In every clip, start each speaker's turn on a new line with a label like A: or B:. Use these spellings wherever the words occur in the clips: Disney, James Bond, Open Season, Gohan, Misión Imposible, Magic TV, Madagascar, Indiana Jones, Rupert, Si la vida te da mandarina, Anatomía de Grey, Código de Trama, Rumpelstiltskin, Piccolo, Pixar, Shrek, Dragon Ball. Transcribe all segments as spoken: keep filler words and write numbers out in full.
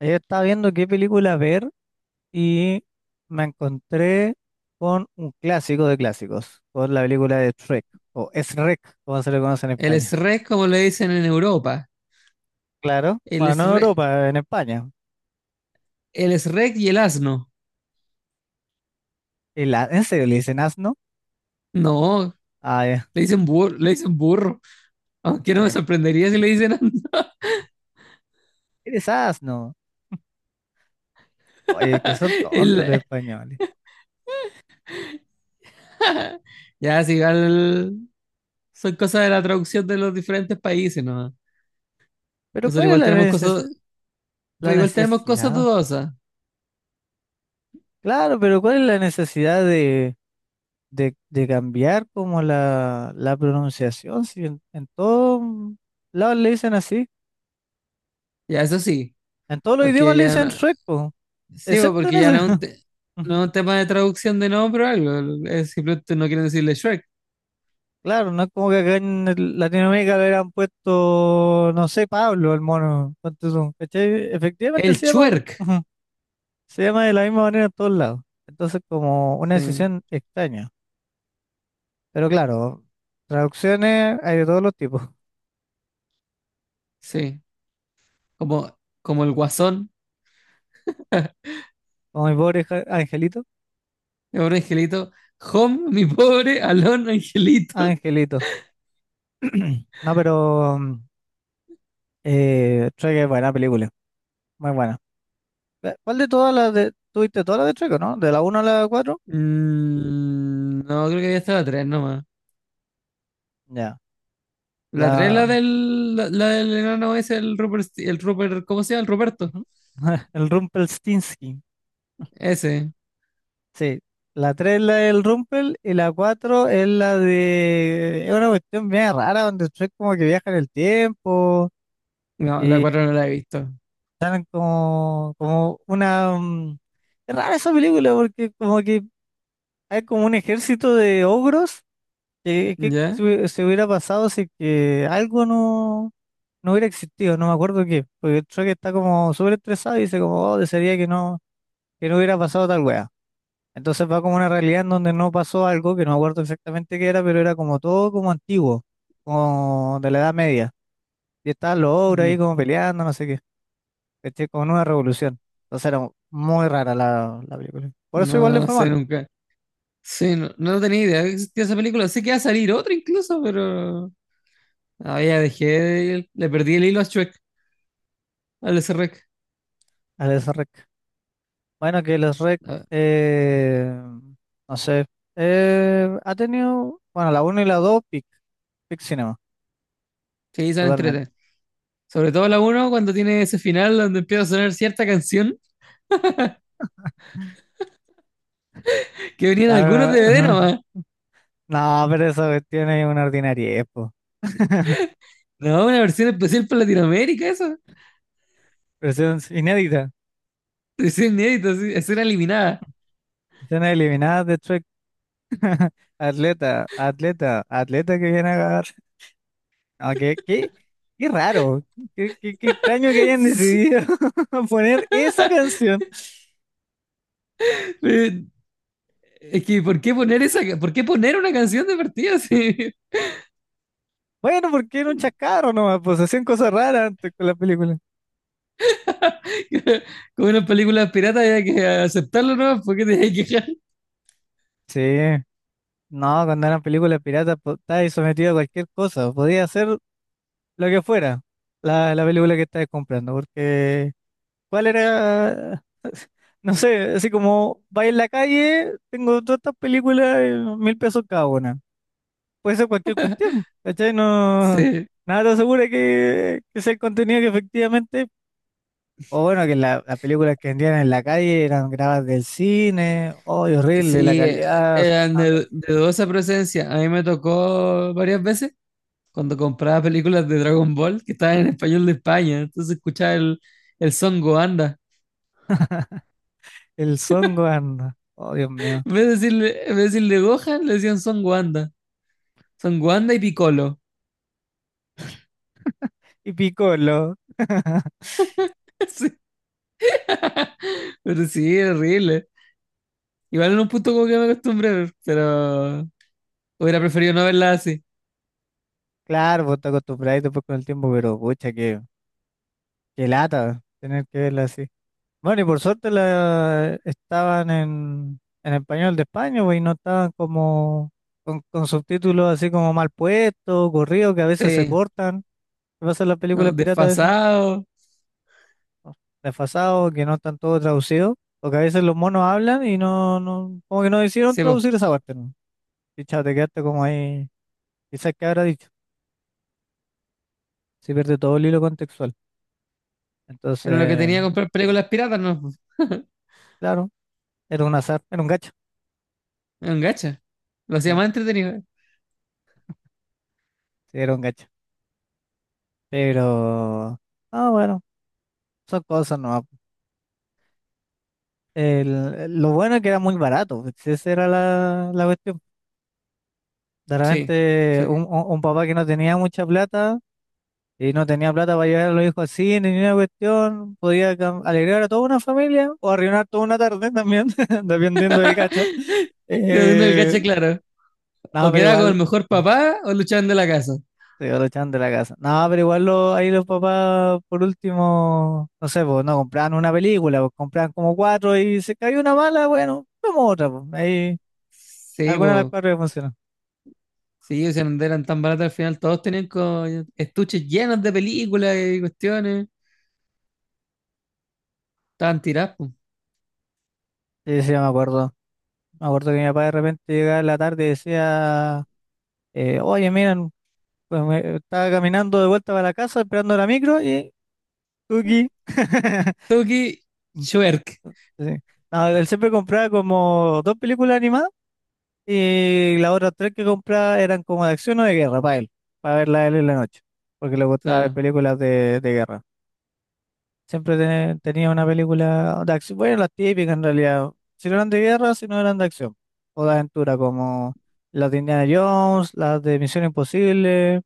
A: Ayer estaba viendo qué película ver y me encontré con un clásico de clásicos, con la película de Shrek, o Shrek, como se le conoce en
B: El
A: España.
B: SREC, como le dicen en Europa.
A: Claro,
B: El
A: bueno, no en
B: SREC,
A: Europa, en España.
B: el SREC y el asno.
A: Y la- ¿En serio le dicen asno?
B: No,
A: Ah, ya,
B: le dicen burro, le dicen burro. Aunque
A: ah,
B: no me
A: ya.
B: sorprendería si le dicen
A: Eres asno. Oye, que son tontos los
B: el.
A: españoles.
B: Ya, si igual son cosas de la traducción de los diferentes países, ¿no?
A: Pero
B: Nosotros
A: ¿cuál es
B: igual
A: la
B: tenemos cosas,
A: necesi-
B: pues
A: la
B: igual tenemos cosas
A: necesidad?
B: dudosas.
A: Claro, pero ¿cuál es la necesidad de, de, de cambiar como la, la pronunciación. Si en, en todos lados le dicen así.
B: Ya, eso sí,
A: En todos los
B: porque
A: idiomas le
B: ya
A: dicen
B: no,
A: Shrek, po,
B: sí, pues,
A: excepto en
B: porque ya
A: ese.
B: no es un, te- no
A: Ujú.
B: es un tema de traducción de nombre o algo, es simplemente no quieren decirle Shrek.
A: Claro, no es como que acá en el- Latinoamérica le hubieran puesto, no sé, Pablo, el mono. Ponte tú, ¿cachai? Efectivamente
B: El
A: se llama,
B: Chuerk.
A: ujú, se llama de la misma manera en todos lados. Entonces, como una
B: Sí,
A: decisión extraña. Pero claro, traducciones hay de todos los tipos.
B: sí. como, como el guasón,
A: Como mi pobre ja- angelito.
B: mi pobre angelito. Home, mi pobre Alon angelito.
A: Angelito. No, pero mm, eh, Shrek es buena película. Muy buena. Eh, ¿Cuál de todas las de... tuviste todas las de Shrek, ¿o no? De la uno a la cuatro,
B: Mm, no, creo que había estado la tres nomás.
A: ya.
B: La tres es la
A: La,
B: del, la, la del enano ese, el Rupert, el Rupert, ¿cómo se llama? El Ruperto.
A: Ujú. El Rumpelstiltskin.
B: Ese.
A: Sí. La tres es la del Rumpel y la cuatro es la de... Es una cuestión bien rara donde Shrek como que viaja en el tiempo
B: No, la
A: y
B: cuatro no la he visto.
A: salen como, como una... mm, es rara esa película porque como que hay como un ejército de ogros que, que se
B: ¿Ya?
A: hubie- se hubiera pasado si que algo no, no hubiera existido, no me acuerdo qué, porque Shrek está como súper estresado y dice como, oh, desearía que no, que no hubiera pasado tal wea. Entonces va como una realidad en donde no pasó algo, que no me acuerdo exactamente qué era, pero era como todo como antiguo, como de la Edad Media. Y estaban los ogros
B: Mm.
A: ahí como peleando, no sé qué, ¿cachai? Como en una revolución. Entonces era muy rara la, la película. Por eso igual
B: No,
A: le
B: no
A: fue
B: sé
A: mal
B: nunca. Sí, no, no tenía idea que existía esa película. Sé que iba a salir otra incluso, pero. Ah, ya dejé, de- le perdí el hilo a Shrek, al SREC.
A: a los rec. Bueno, que los rec,
B: Ah,
A: eh, no sé, eh, ha tenido, bueno, la uno y la dos pic, pic cinema,
B: sí, son
A: totalmente.
B: entrete. Sobre todo la uno cuando tiene ese final donde empieza a sonar cierta canción que venían
A: La
B: algunos
A: verdad,
B: D V D nomás.
A: no, pero esa cuestión es una ordinariedad, po.
B: No, una versión especial para Latinoamérica, eso.
A: Versión inédita.
B: Es inédito, así, escena eliminada.
A: Escena eliminada de Trek. Atleta, atleta, atleta que viene a agarrar. Aunque, qué, qué raro. Qué, qué, qué extraño que hayan decidido poner esa canción.
B: Eh, Es que, ¿por qué poner esa, por qué poner una canción de partida así?
A: Bueno, porque era un chacarro nomás, pues hacían cosas raras antes con la película.
B: Como en las películas piratas hay que aceptarlo, ¿no? Porque te hay que quejar.
A: Sí, no, cuando eran películas piratas, pues, estabas ahí sometido a cualquier cosa. Podía hacer lo que fuera la, la película que estabas comprando, porque ¿cuál era? No sé, así como va en la calle, tengo todas estas películas, eh, mil pesos cada una. Puede ser cualquier cuestión, ¿cachai? No,
B: Sí,
A: nada te asegura que, que sea el contenido que efectivamente, o bueno, que la- las películas que vendían en la calle eran grabadas del cine, oh, horrible, la
B: sí,
A: calidad,
B: eran
A: ah,
B: de,
A: terrible.
B: de dudosa presencia. A mí me tocó varias veces cuando compraba películas de Dragon Ball que estaban en español de España. Entonces escuchaba el, el Son Goanda.
A: El Songwan, oh, Dios mío,
B: En vez de decirle, en vez de decirle Gohan, le decían Son Goanda. Son Goanda y Piccolo.
A: y Piccolo.
B: Sí, pero sí, era horrible. Igual en un punto como que me acostumbré, pero hubiera preferido no verla así.
A: Claro, vos te acostumbráis después con el tiempo, pero pucha, qué, qué lata tener que verla así. Bueno, y por suerte la, estaban en, en español de España, güey, y no estaban como con, con subtítulos así como mal puestos, corridos, que a veces se
B: Sí,
A: cortan. ¿Qué pasa en las
B: no,
A: películas piratas a veces?
B: desfasado.
A: O desfasados, que no están todos traducidos, o que a veces los monos hablan y no, no, como que no decidieron
B: Sí, po.
A: traducir esa parte, ¿no? Y chao, te quedaste como ahí, quizás qué habrá dicho, se pierde todo el hilo contextual. Entonces,
B: Era lo que tenía que comprar películas piratas, no po.
A: claro, era un azar, era un gacho,
B: Era un gacha. Lo hacía
A: sí,
B: más entretenido.
A: sí, era un gacho. Pero... Ah, bueno, son cosas. No, el lo bueno es que era muy barato, pues, esa era la, la cuestión. De
B: Sí,
A: repente,
B: sí.
A: un, un- un papá que no tenía mucha plata y no tenía plata para llevar a los hijos al cine, ni una cuestión, podía cam- alegrar a toda una familia o arruinar toda una tarde también, dependiendo del cacha.
B: Quedaba viendo el
A: Eh,
B: gacha, claro.
A: no,
B: O
A: pero
B: quedaba con el
A: igual
B: mejor papá o luchaban de la casa.
A: se lo echaban de la casa. No, pero igual lo- ahí los papás, por último, no sé, pues no compraban una película, pues compraban como cuatro y se cayó una mala, bueno, vemos otra, pues. Ahí
B: Sí,
A: alguna de las
B: pues,
A: cuatro que funcionó.
B: sí, o sea, no eran tan baratas al final, todos tenían co- estuches llenos de películas y cuestiones, estaban tiradas, pues.
A: Sí, sí, me acuerdo. Me acuerdo que mi papá de repente llegaba en la tarde y decía, eh, oye, miren, pues me- estaba caminando de vuelta para la casa esperando la micro y Tuki.
B: Toki Schwerk,
A: Sí. No, él siempre compraba como dos películas animadas y las otras tres que compraba eran como de acción o de guerra para él, para verla él en la noche, porque le gustaba ver
B: claro.
A: películas de, de guerra. Siempre te- tenía una película de acción. Bueno, las típicas en realidad. Si no eran de guerra, si no eran de acción. O de aventura, como las de Indiana Jones, las de Misión Imposible,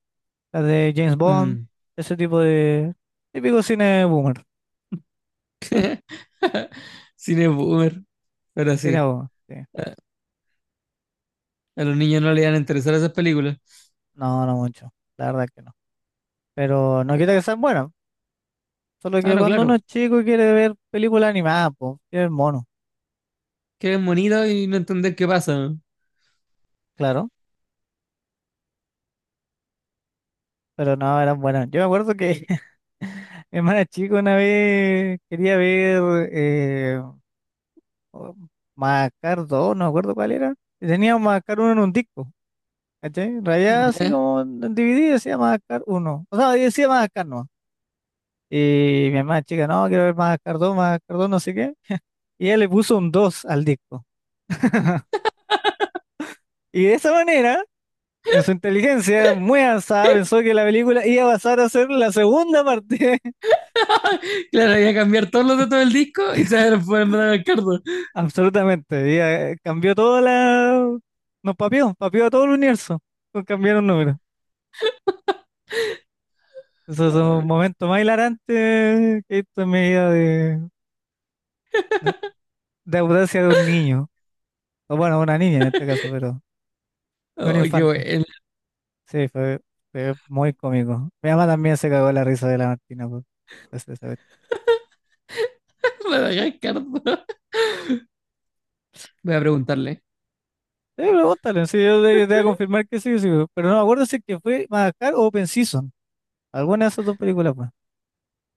A: las de James Bond.
B: Mm.
A: Ese tipo de típico cine boomer.
B: Cine boomer, pero
A: Cine
B: sí,
A: boomer, sí.
B: a los niños no les iban a interesar esas películas.
A: No, no mucho. La verdad que no. Pero no quita que sean buenas. Solo
B: Ah,
A: que
B: no,
A: cuando uno es
B: claro,
A: chico y quiere ver películas animadas, pues, quiere ver mono.
B: que es bonito y no entender qué pasa, ¿no?
A: Claro. Pero no, eran buenas. Yo me acuerdo que mi hermana chica una vez quería ver eh, o- Macar dos, no me acuerdo cuál era. Y tenía Macar uno en un disco, ¿cachai? Rayada así
B: Ya.
A: como en D V D decía Macar uno. O sea, decía Macar no. Y mi hermana chica, no, quiero ver Macar dos, Macar dos no sé qué. Y ella le puso un dos al disco. Y de esa manera, en su inteligencia muy avanzada, pensó que la película iba a pasar a ser la segunda parte.
B: Claro, voy a cambiar todos los datos del disco y se van a poner Madagascar dos.
A: Absolutamente. Y, eh, cambió toda la... Nos papió, papió a todo el universo con cambiar un número. Esos son los
B: Ay,
A: momentos más hilarantes que he visto en mi vida de, de, de audacia de un niño. O bueno, una niña en este caso, pero de un
B: ay, qué
A: infante.
B: bueno.
A: Sí, fue, fue muy cómico. Mi mamá también se cagó la risa de la Martina. Pues, esa- esa vez.
B: Madagascar dos. Voy a preguntarle.
A: Sí, pregúntale, sí, yo te, te voy a confirmar que sí, sí, pero no me acuerdo si es que fue Madagascar o Open Season. Alguna de esas dos películas, pues.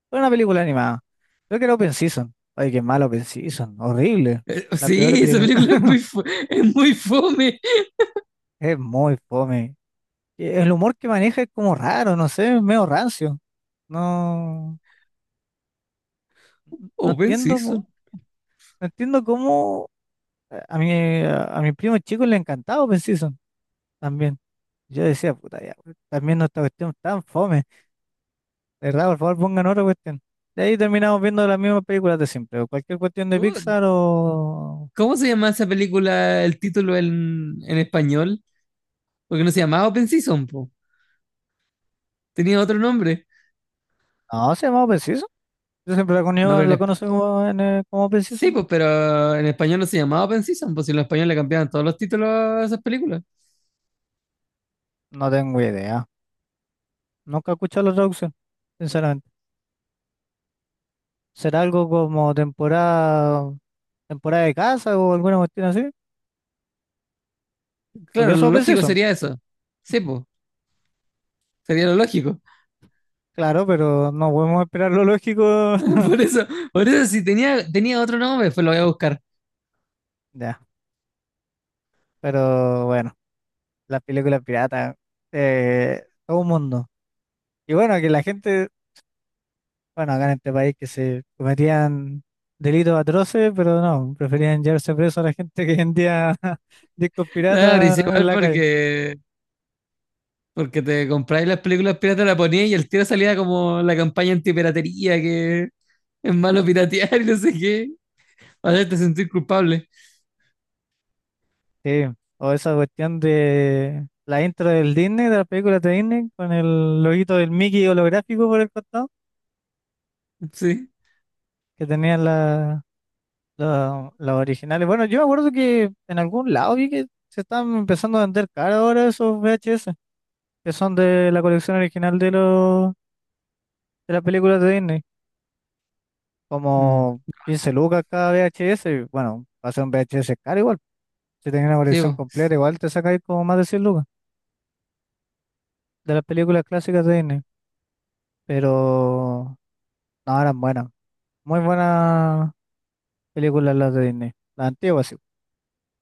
A: Fue una película animada. Creo que era Open Season. Ay, qué malo Open Season. Horrible.
B: Eh,
A: La peor
B: sí, esa
A: película.
B: película es muy, fu- es muy fome.
A: Es muy fome. E- El humor que maneja es como raro, no sé, es medio rancio. No, no
B: Open
A: entiendo, mo-
B: Season.
A: no entiendo cómo eh, a mi, a mi primo chico le encantaba Open Season también. Yo decía, puta ya, weón, también no esta cuestión tan fome. De verdad, por favor, pongan otra cuestión. De ahí terminamos viendo las mismas películas de siempre. O cualquier cuestión de
B: ¿Cómo,
A: Pixar o...
B: cómo se llama esa película, el título en, en español? Porque no se llamaba Open Season, po. Tenía otro nombre.
A: No, se llama Open Season. Yo siempre la,
B: No,
A: conozco
B: pero
A: la
B: en espa-.
A: conocí como, en, eh, como Open
B: Sí,
A: Season.
B: pues, pero en español no se llamaba Open Season, pues si en español le cambiaban todos los títulos a esas películas.
A: No tengo idea. Nunca he escuchado la traducción, sinceramente. ¿Será algo como temporada, temporada, de casa o alguna cuestión así? Porque
B: Claro,
A: eso
B: lo
A: pensé
B: lógico
A: son,
B: sería eso. Sí, pues, sería lo lógico.
A: claro, pero no podemos esperar lo lógico.
B: Por eso, por eso si tenía, tenía otro nombre, pues lo voy a buscar.
A: Ya, pero bueno, las películas piratas, eh, todo un mundo. Y bueno, que la gente, bueno, acá en este país que se cometían delitos atroces, pero no, preferían llevarse preso a la gente que vendía discos
B: Claro, y
A: piratas en
B: igual
A: la calle.
B: porque Porque te compráis las películas piratas, la ponías y el tiro salía como la campaña antipiratería, que es malo piratear y no sé qué. Para hacerte sentir culpable.
A: Sí, o esa cuestión de la intro del Disney, de las películas de Disney, con el loguito del Mickey holográfico por el costado,
B: Sí.
A: que tenían la, la- las originales. Bueno, yo me acuerdo que en algún lado vi que se están empezando a vender cara ahora esos V H S, que son de la colección original de los de las películas de Disney,
B: Mm.
A: como quince lucas cada V H S, y bueno, va a ser un V H S caro igual. Si tenés una
B: Sí,
A: colección
B: vos.
A: completa, igual te sacáis como más de cien lucas de las películas clásicas de Disney. Pero no, eran buenas. Muy buenas películas las de Disney. Las antiguas, sí.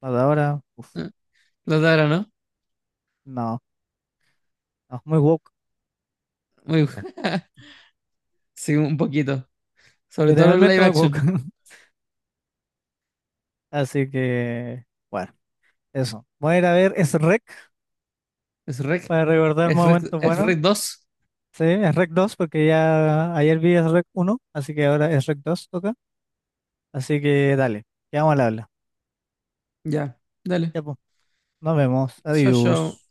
A: Las de ahora, uf,
B: Los de ahora, ¿no?
A: no. No, muy woke.
B: Muy bu-. Sí, un poquito. Sobre todo los
A: Literalmente
B: live
A: muy
B: action.
A: woke. Así que, bueno, eso. Voy a ir a ver Shrek
B: Es rec.
A: para recordar
B: Es rec,
A: momentos
B: es
A: buenos.
B: rec dos.
A: Sí, Shrek dos porque ya ayer vi Shrek uno, así que ahora Shrek dos, toca. Así que dale, quedamos al habla.
B: Ya, dale.
A: Ya, pues, nos vemos.
B: Yo, yo.
A: Adiós.